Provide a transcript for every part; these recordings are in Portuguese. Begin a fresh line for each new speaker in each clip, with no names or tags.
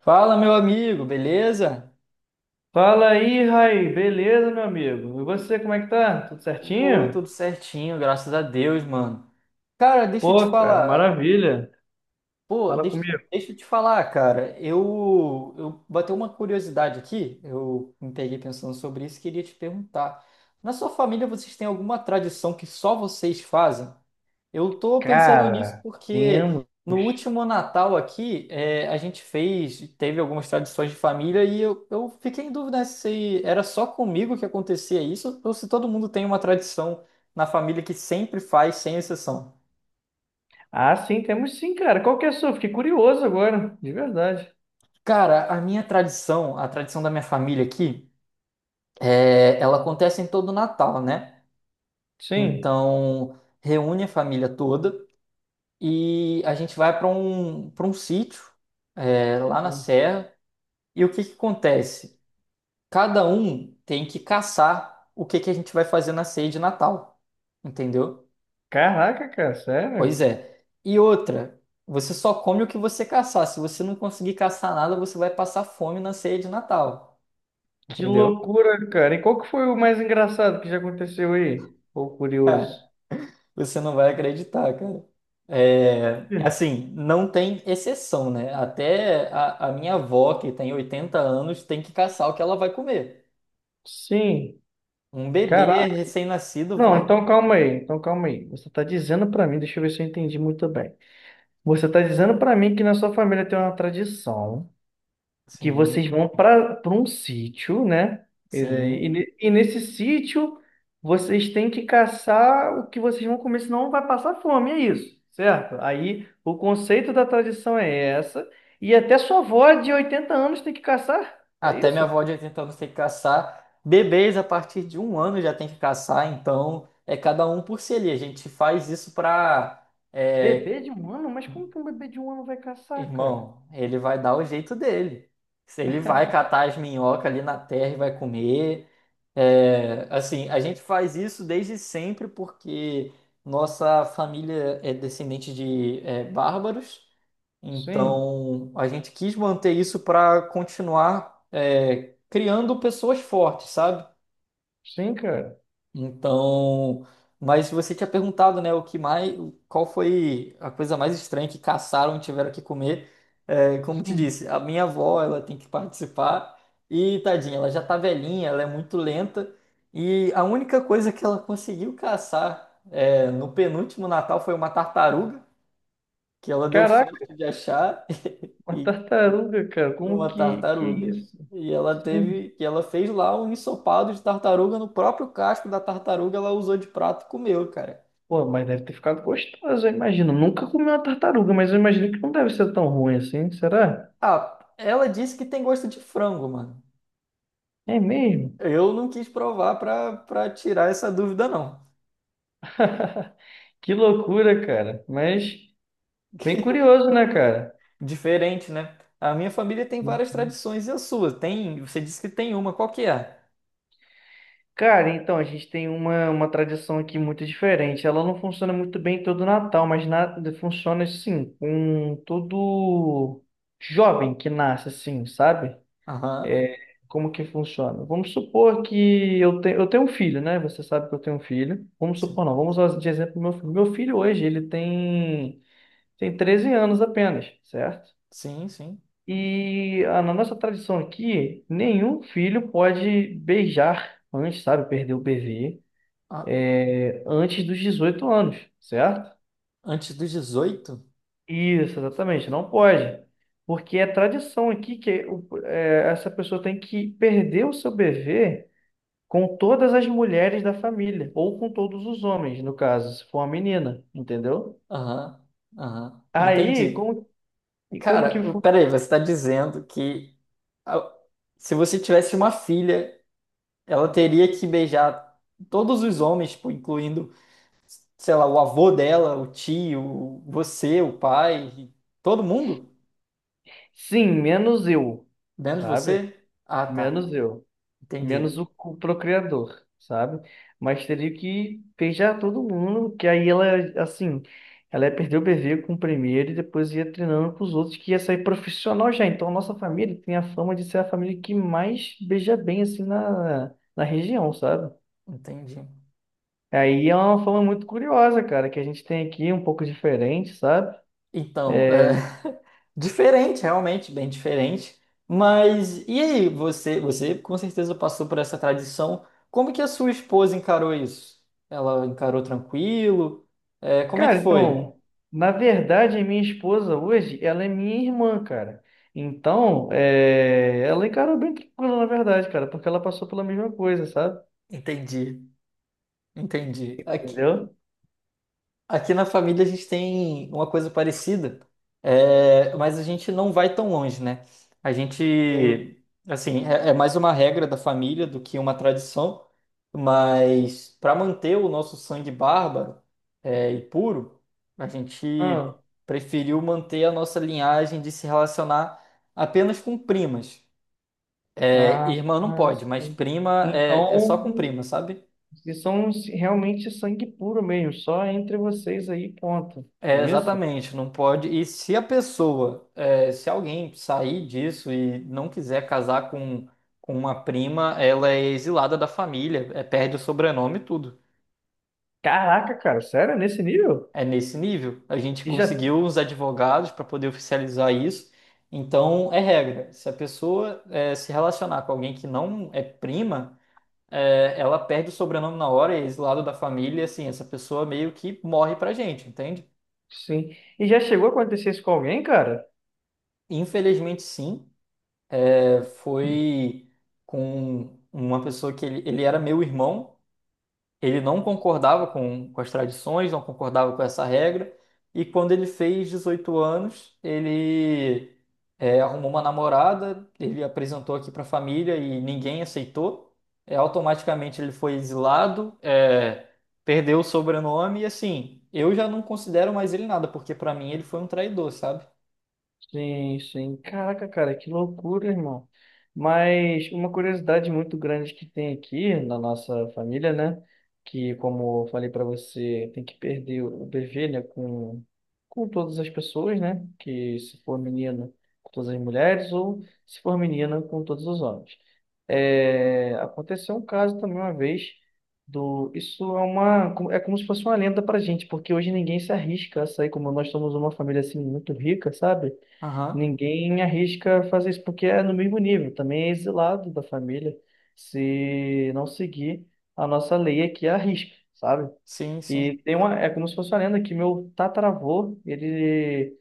Fala, meu amigo, beleza?
Fala aí, Raí. Beleza, meu amigo? E você, como é que tá? Tudo
Ô,
certinho?
tudo certinho, graças a Deus, mano. Cara, deixa eu te
Pô, cara,
falar.
maravilha.
Pô,
Fala
deixa,
comigo.
deixa eu te falar, cara. Eu, bateu uma curiosidade aqui. Eu me peguei pensando sobre isso e queria te perguntar. Na sua família, vocês têm alguma tradição que só vocês fazem? Eu tô pensando nisso
Cara, temos.
porque no último Natal aqui, a gente fez, teve algumas tradições de família e eu fiquei em dúvida se era só comigo que acontecia isso ou se todo mundo tem uma tradição na família que sempre faz, sem exceção.
Ah, sim, temos sim, cara. Qual que é a sua? Fiquei curioso agora, de verdade.
Cara, a minha tradição, a tradição da minha família aqui, ela acontece em todo Natal, né?
Sim.
Então, reúne a família toda e a gente vai para um sítio, lá na
Sim.
Serra. E o que que acontece? Cada um tem que caçar o que que a gente vai fazer na ceia de Natal. Entendeu?
Caraca, cara,
Pois
sério?
é. E outra, você só come o que você caçar. Se você não conseguir caçar nada, você vai passar fome na ceia de Natal.
Que
Entendeu?
loucura, cara. E qual que foi o mais engraçado que já aconteceu aí? Ou curioso?
Cara, você não vai acreditar, cara. É,
Sim.
assim, não tem exceção, né? Até a minha avó, que tem 80 anos, tem que caçar o que ela vai comer.
Sim.
Um bebê
Caraca.
recém-nascido
Não,
vai.
então calma aí. Então calma aí. Você tá dizendo pra mim, deixa eu ver se eu entendi muito bem. Você está dizendo para mim que na sua família tem uma tradição, que vocês
Sim,
vão para um sítio, né? E,
sim.
e ne- e nesse sítio vocês têm que caçar o que vocês vão comer, senão vai passar fome, é isso, certo? Aí o conceito da tradição é essa, e até sua avó de 80 anos tem que caçar, é
Até minha
isso?
avó de 80 anos tem que caçar. Bebês a partir de um ano já tem que caçar, então é cada um por si ali. A gente faz isso para.
Bebê de um ano? Mas como que um bebê de um ano vai caçar, cara?
Irmão, ele vai dar o jeito dele. Se ele vai catar as minhocas ali na terra e vai comer. É, assim, a gente faz isso desde sempre porque nossa família é descendente de bárbaros.
Sim,
Então, a gente quis manter isso para continuar criando pessoas fortes, sabe?
sim, cara.
Então, mas você tinha perguntado, né, o que mais, qual foi a coisa mais estranha que caçaram e tiveram que comer? É, como te
Sim.
disse, a minha avó, ela tem que participar e tadinha, ela já tá velhinha, ela é muito lenta e a única coisa que ela conseguiu caçar no penúltimo Natal foi uma tartaruga que ela deu sorte de achar.
Uma
E
tartaruga, cara, como
uma
que
tartaruga.
isso?
E ela
Sim.
teve, que ela fez lá um ensopado de tartaruga no próprio casco da tartaruga, ela usou de prato e comeu, cara.
Pô, mas deve ter ficado gostoso, eu imagino. Nunca comi uma tartaruga, mas eu imagino que não deve ser tão ruim assim, será?
Ah, ela disse que tem gosto de frango, mano.
É mesmo?
Eu não quis provar pra tirar essa dúvida, não.
Que loucura, cara. Mas bem curioso, né, cara?
Diferente, né? A minha família tem várias
Uhum.
tradições e a sua? Tem, você disse que tem uma, qual que é?
Cara, então, a gente tem uma tradição aqui muito diferente. Ela não funciona muito bem todo Natal, mas na, funciona assim, com todo jovem que nasce, assim, sabe?
Aham.
É, como que funciona? Vamos supor que eu tenho um filho, né? Você sabe que eu tenho um filho. Vamos
Sim,
supor, não, vamos usar de exemplo meu filho. Meu filho hoje, tem 13 anos apenas, certo?
sim.
E na nossa tradição aqui, nenhum filho pode beijar antes, sabe? Perder o bebê
Ah,
antes dos 18 anos, certo?
antes dos dezoito.
Isso, exatamente, não pode. Porque é tradição aqui que essa pessoa tem que perder o seu bebê com todas as mulheres da família, ou com todos os homens, no caso, se for uma menina, entendeu?
Aham. Aham.
Aí,
Entendi.
como, e como que
Cara,
foi?
peraí, você está dizendo que a- se você tivesse uma filha, ela teria que beijar todos os homens, tipo, incluindo, sei lá, o avô dela, o tio, você, o pai, todo mundo
Sim, menos eu,
dentro de
sabe?
você? Ah, tá.
Menos eu, menos
Entendi.
o procriador, sabe? Mas teria que beijar todo mundo, que aí ela, assim, ela ia perder o bebê com o primeiro e depois ia treinando com os outros, que ia sair profissional já. Então, a nossa família tem a fama de ser a família que mais beija bem, assim, na, na região, sabe?
Entendi.
Aí é uma forma muito curiosa, cara, que a gente tem aqui, um pouco diferente, sabe?
Então,
É,
diferente, realmente, bem diferente. Mas e aí, você com certeza passou por essa tradição. Como que a sua esposa encarou isso? Ela encarou tranquilo? É, como é que
Cara,
foi?
então, na verdade, a minha esposa hoje, ela é minha irmã, cara. Então, é... ela encarou bem tranquila, na verdade, cara, porque ela passou pela mesma coisa, sabe?
Entendi. Entendi. Aqui,
Entendeu?
aqui na família a gente tem uma coisa parecida, mas a gente não vai tão longe, né? A
Sim.
gente, assim, é mais uma regra da família do que uma tradição, mas para manter o nosso sangue bárbaro, e puro, a gente
Ah,
preferiu manter a nossa linhagem de se relacionar apenas com primas. É,
ah,
irmã não
ah,
pode, mas
sim.
prima é só com
Então,
prima, sabe?
vocês são realmente sangue puro mesmo, só entre vocês aí, ponto. É
É,
isso?
exatamente, não pode. E se a pessoa, se alguém sair disso e não quiser casar com uma prima, ela é exilada da família, é, perde o sobrenome e tudo.
Caraca, cara, sério? É nesse nível?
É nesse nível. A gente
E já
conseguiu uns advogados para poder oficializar isso. Então, é regra. Se a pessoa, se relacionar com alguém que não é prima, ela perde o sobrenome na hora, é exilada da família, e assim, essa pessoa meio que morre pra gente, entende?
Sim. E já chegou a acontecer isso com alguém, cara?
Infelizmente, sim. Foi com uma pessoa que ele era meu irmão, ele não concordava com as tradições, não concordava com essa regra, e quando ele fez 18 anos, ele arrumou uma namorada, ele apresentou aqui para a família e ninguém aceitou, automaticamente ele foi exilado, perdeu o sobrenome, e assim, eu já não considero mais ele nada, porque para mim ele foi um traidor, sabe?
Sim, sim. Caraca, cara, que loucura, irmão. Mas uma curiosidade muito grande que tem aqui na nossa família, né? Que, como eu falei para você, tem que perder o bebê, né? Com todas as pessoas, né? Que se for menina, com todas as mulheres, ou se for menina, com todos os homens. É, aconteceu um caso também uma vez do. Isso é uma. É como se fosse uma lenda pra gente, porque hoje ninguém se arrisca a sair, como nós somos uma família assim muito rica, sabe?
Aham,
Ninguém arrisca fazer isso porque é no mesmo nível, também é exilado da família se não seguir a nossa lei aqui é arrisca, sabe?
sim, sim.
E tem uma, é como se fosse uma lenda que meu tataravô, ele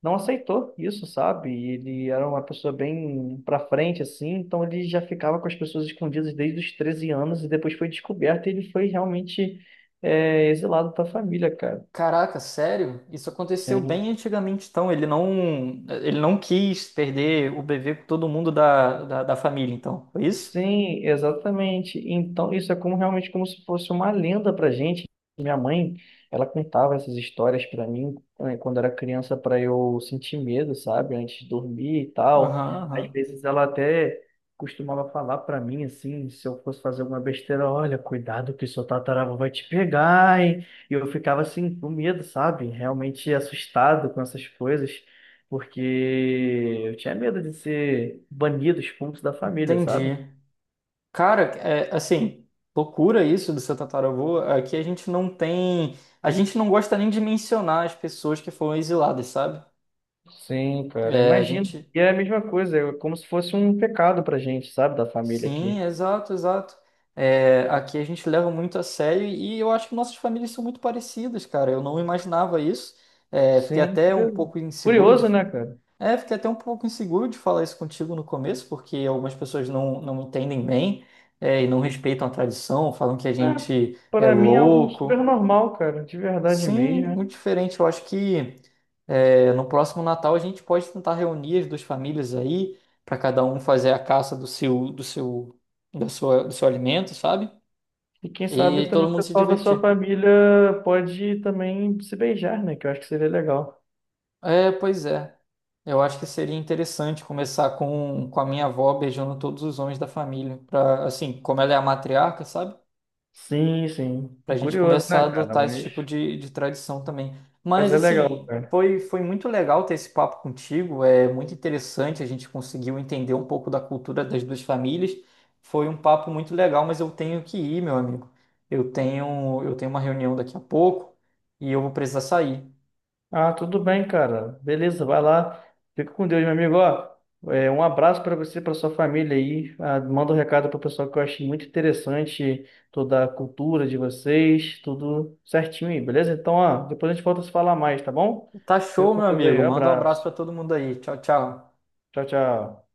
não aceitou isso, sabe? E ele era uma pessoa bem pra frente assim, então ele já ficava com as pessoas escondidas desde os 13 anos e depois foi descoberto e ele foi realmente exilado da família, cara.
Caraca, sério? Isso aconteceu
Sim.
bem antigamente, então. Ele não quis perder o bebê com todo mundo da família, então. Foi isso?
Sim, exatamente. Então, isso é como realmente como se fosse uma lenda para gente. Minha mãe, ela contava essas histórias para mim né, quando era criança para eu sentir medo, sabe, antes de dormir e tal.
Aham,
Às
aham.
vezes ela até costumava falar para mim assim, se eu fosse fazer alguma besteira, olha, cuidado que seu tataravô vai te pegar, hein? E eu ficava assim com medo, sabe? Realmente assustado com essas coisas, porque eu tinha medo de ser banido, expulso da família, sabe?
Entendi. Cara, assim, loucura isso do seu tataravô. Aqui a gente não tem. A gente não gosta nem de mencionar as pessoas que foram exiladas, sabe?
Sim, cara, eu
É, a
imagino.
gente.
E é a mesma coisa, é como se fosse um pecado pra gente, sabe, da família
Sim,
aqui.
exato, exato. É, aqui a gente leva muito a sério e eu acho que nossas famílias são muito parecidas, cara. Eu não imaginava isso. É, fiquei
Sim,
até um
curioso,
pouco inseguro de.
Curioso, né, cara?
É, fiquei até um pouco inseguro de falar isso contigo no começo, porque algumas pessoas não entendem bem, e não respeitam a tradição, falam que a
É,
gente é
para mim é algo super
louco.
normal, cara, de verdade mesmo.
Sim,
Né?
muito diferente. Eu acho que no próximo Natal a gente pode tentar reunir as duas famílias aí, para cada um fazer a caça do seu alimento, sabe?
E quem sabe
E
também
todo
o
mundo se
pessoal da sua
divertir.
família pode também se beijar, né? Que eu acho que seria legal.
É, pois é. Eu acho que seria interessante começar com a minha avó beijando todos os homens da família, para assim, como ela é a matriarca, sabe?
Sim, sim.
Pra gente
Curioso,
começar a
né, cara?
adotar esse tipo de tradição também.
Mas
Mas
é legal,
assim,
cara.
foi muito legal ter esse papo contigo, é muito interessante, a gente conseguiu entender um pouco da cultura das duas famílias. Foi um papo muito legal, mas eu tenho que ir, meu amigo. Eu tenho uma reunião daqui a pouco e eu vou precisar sair.
Ah, tudo bem, cara. Beleza, vai lá. Fica com Deus, meu amigo. Ó, é, um abraço para você, para sua família aí. Ah, manda um recado para o pessoal que eu achei muito interessante toda a cultura de vocês, tudo certinho aí, beleza? Então, ó, depois a gente volta a se falar mais, tá bom?
Tá
Fica
show,
com
meu
Deus
amigo.
aí.
Manda um abraço
Abraço.
pra todo mundo aí. Tchau, tchau.
Tchau, tchau.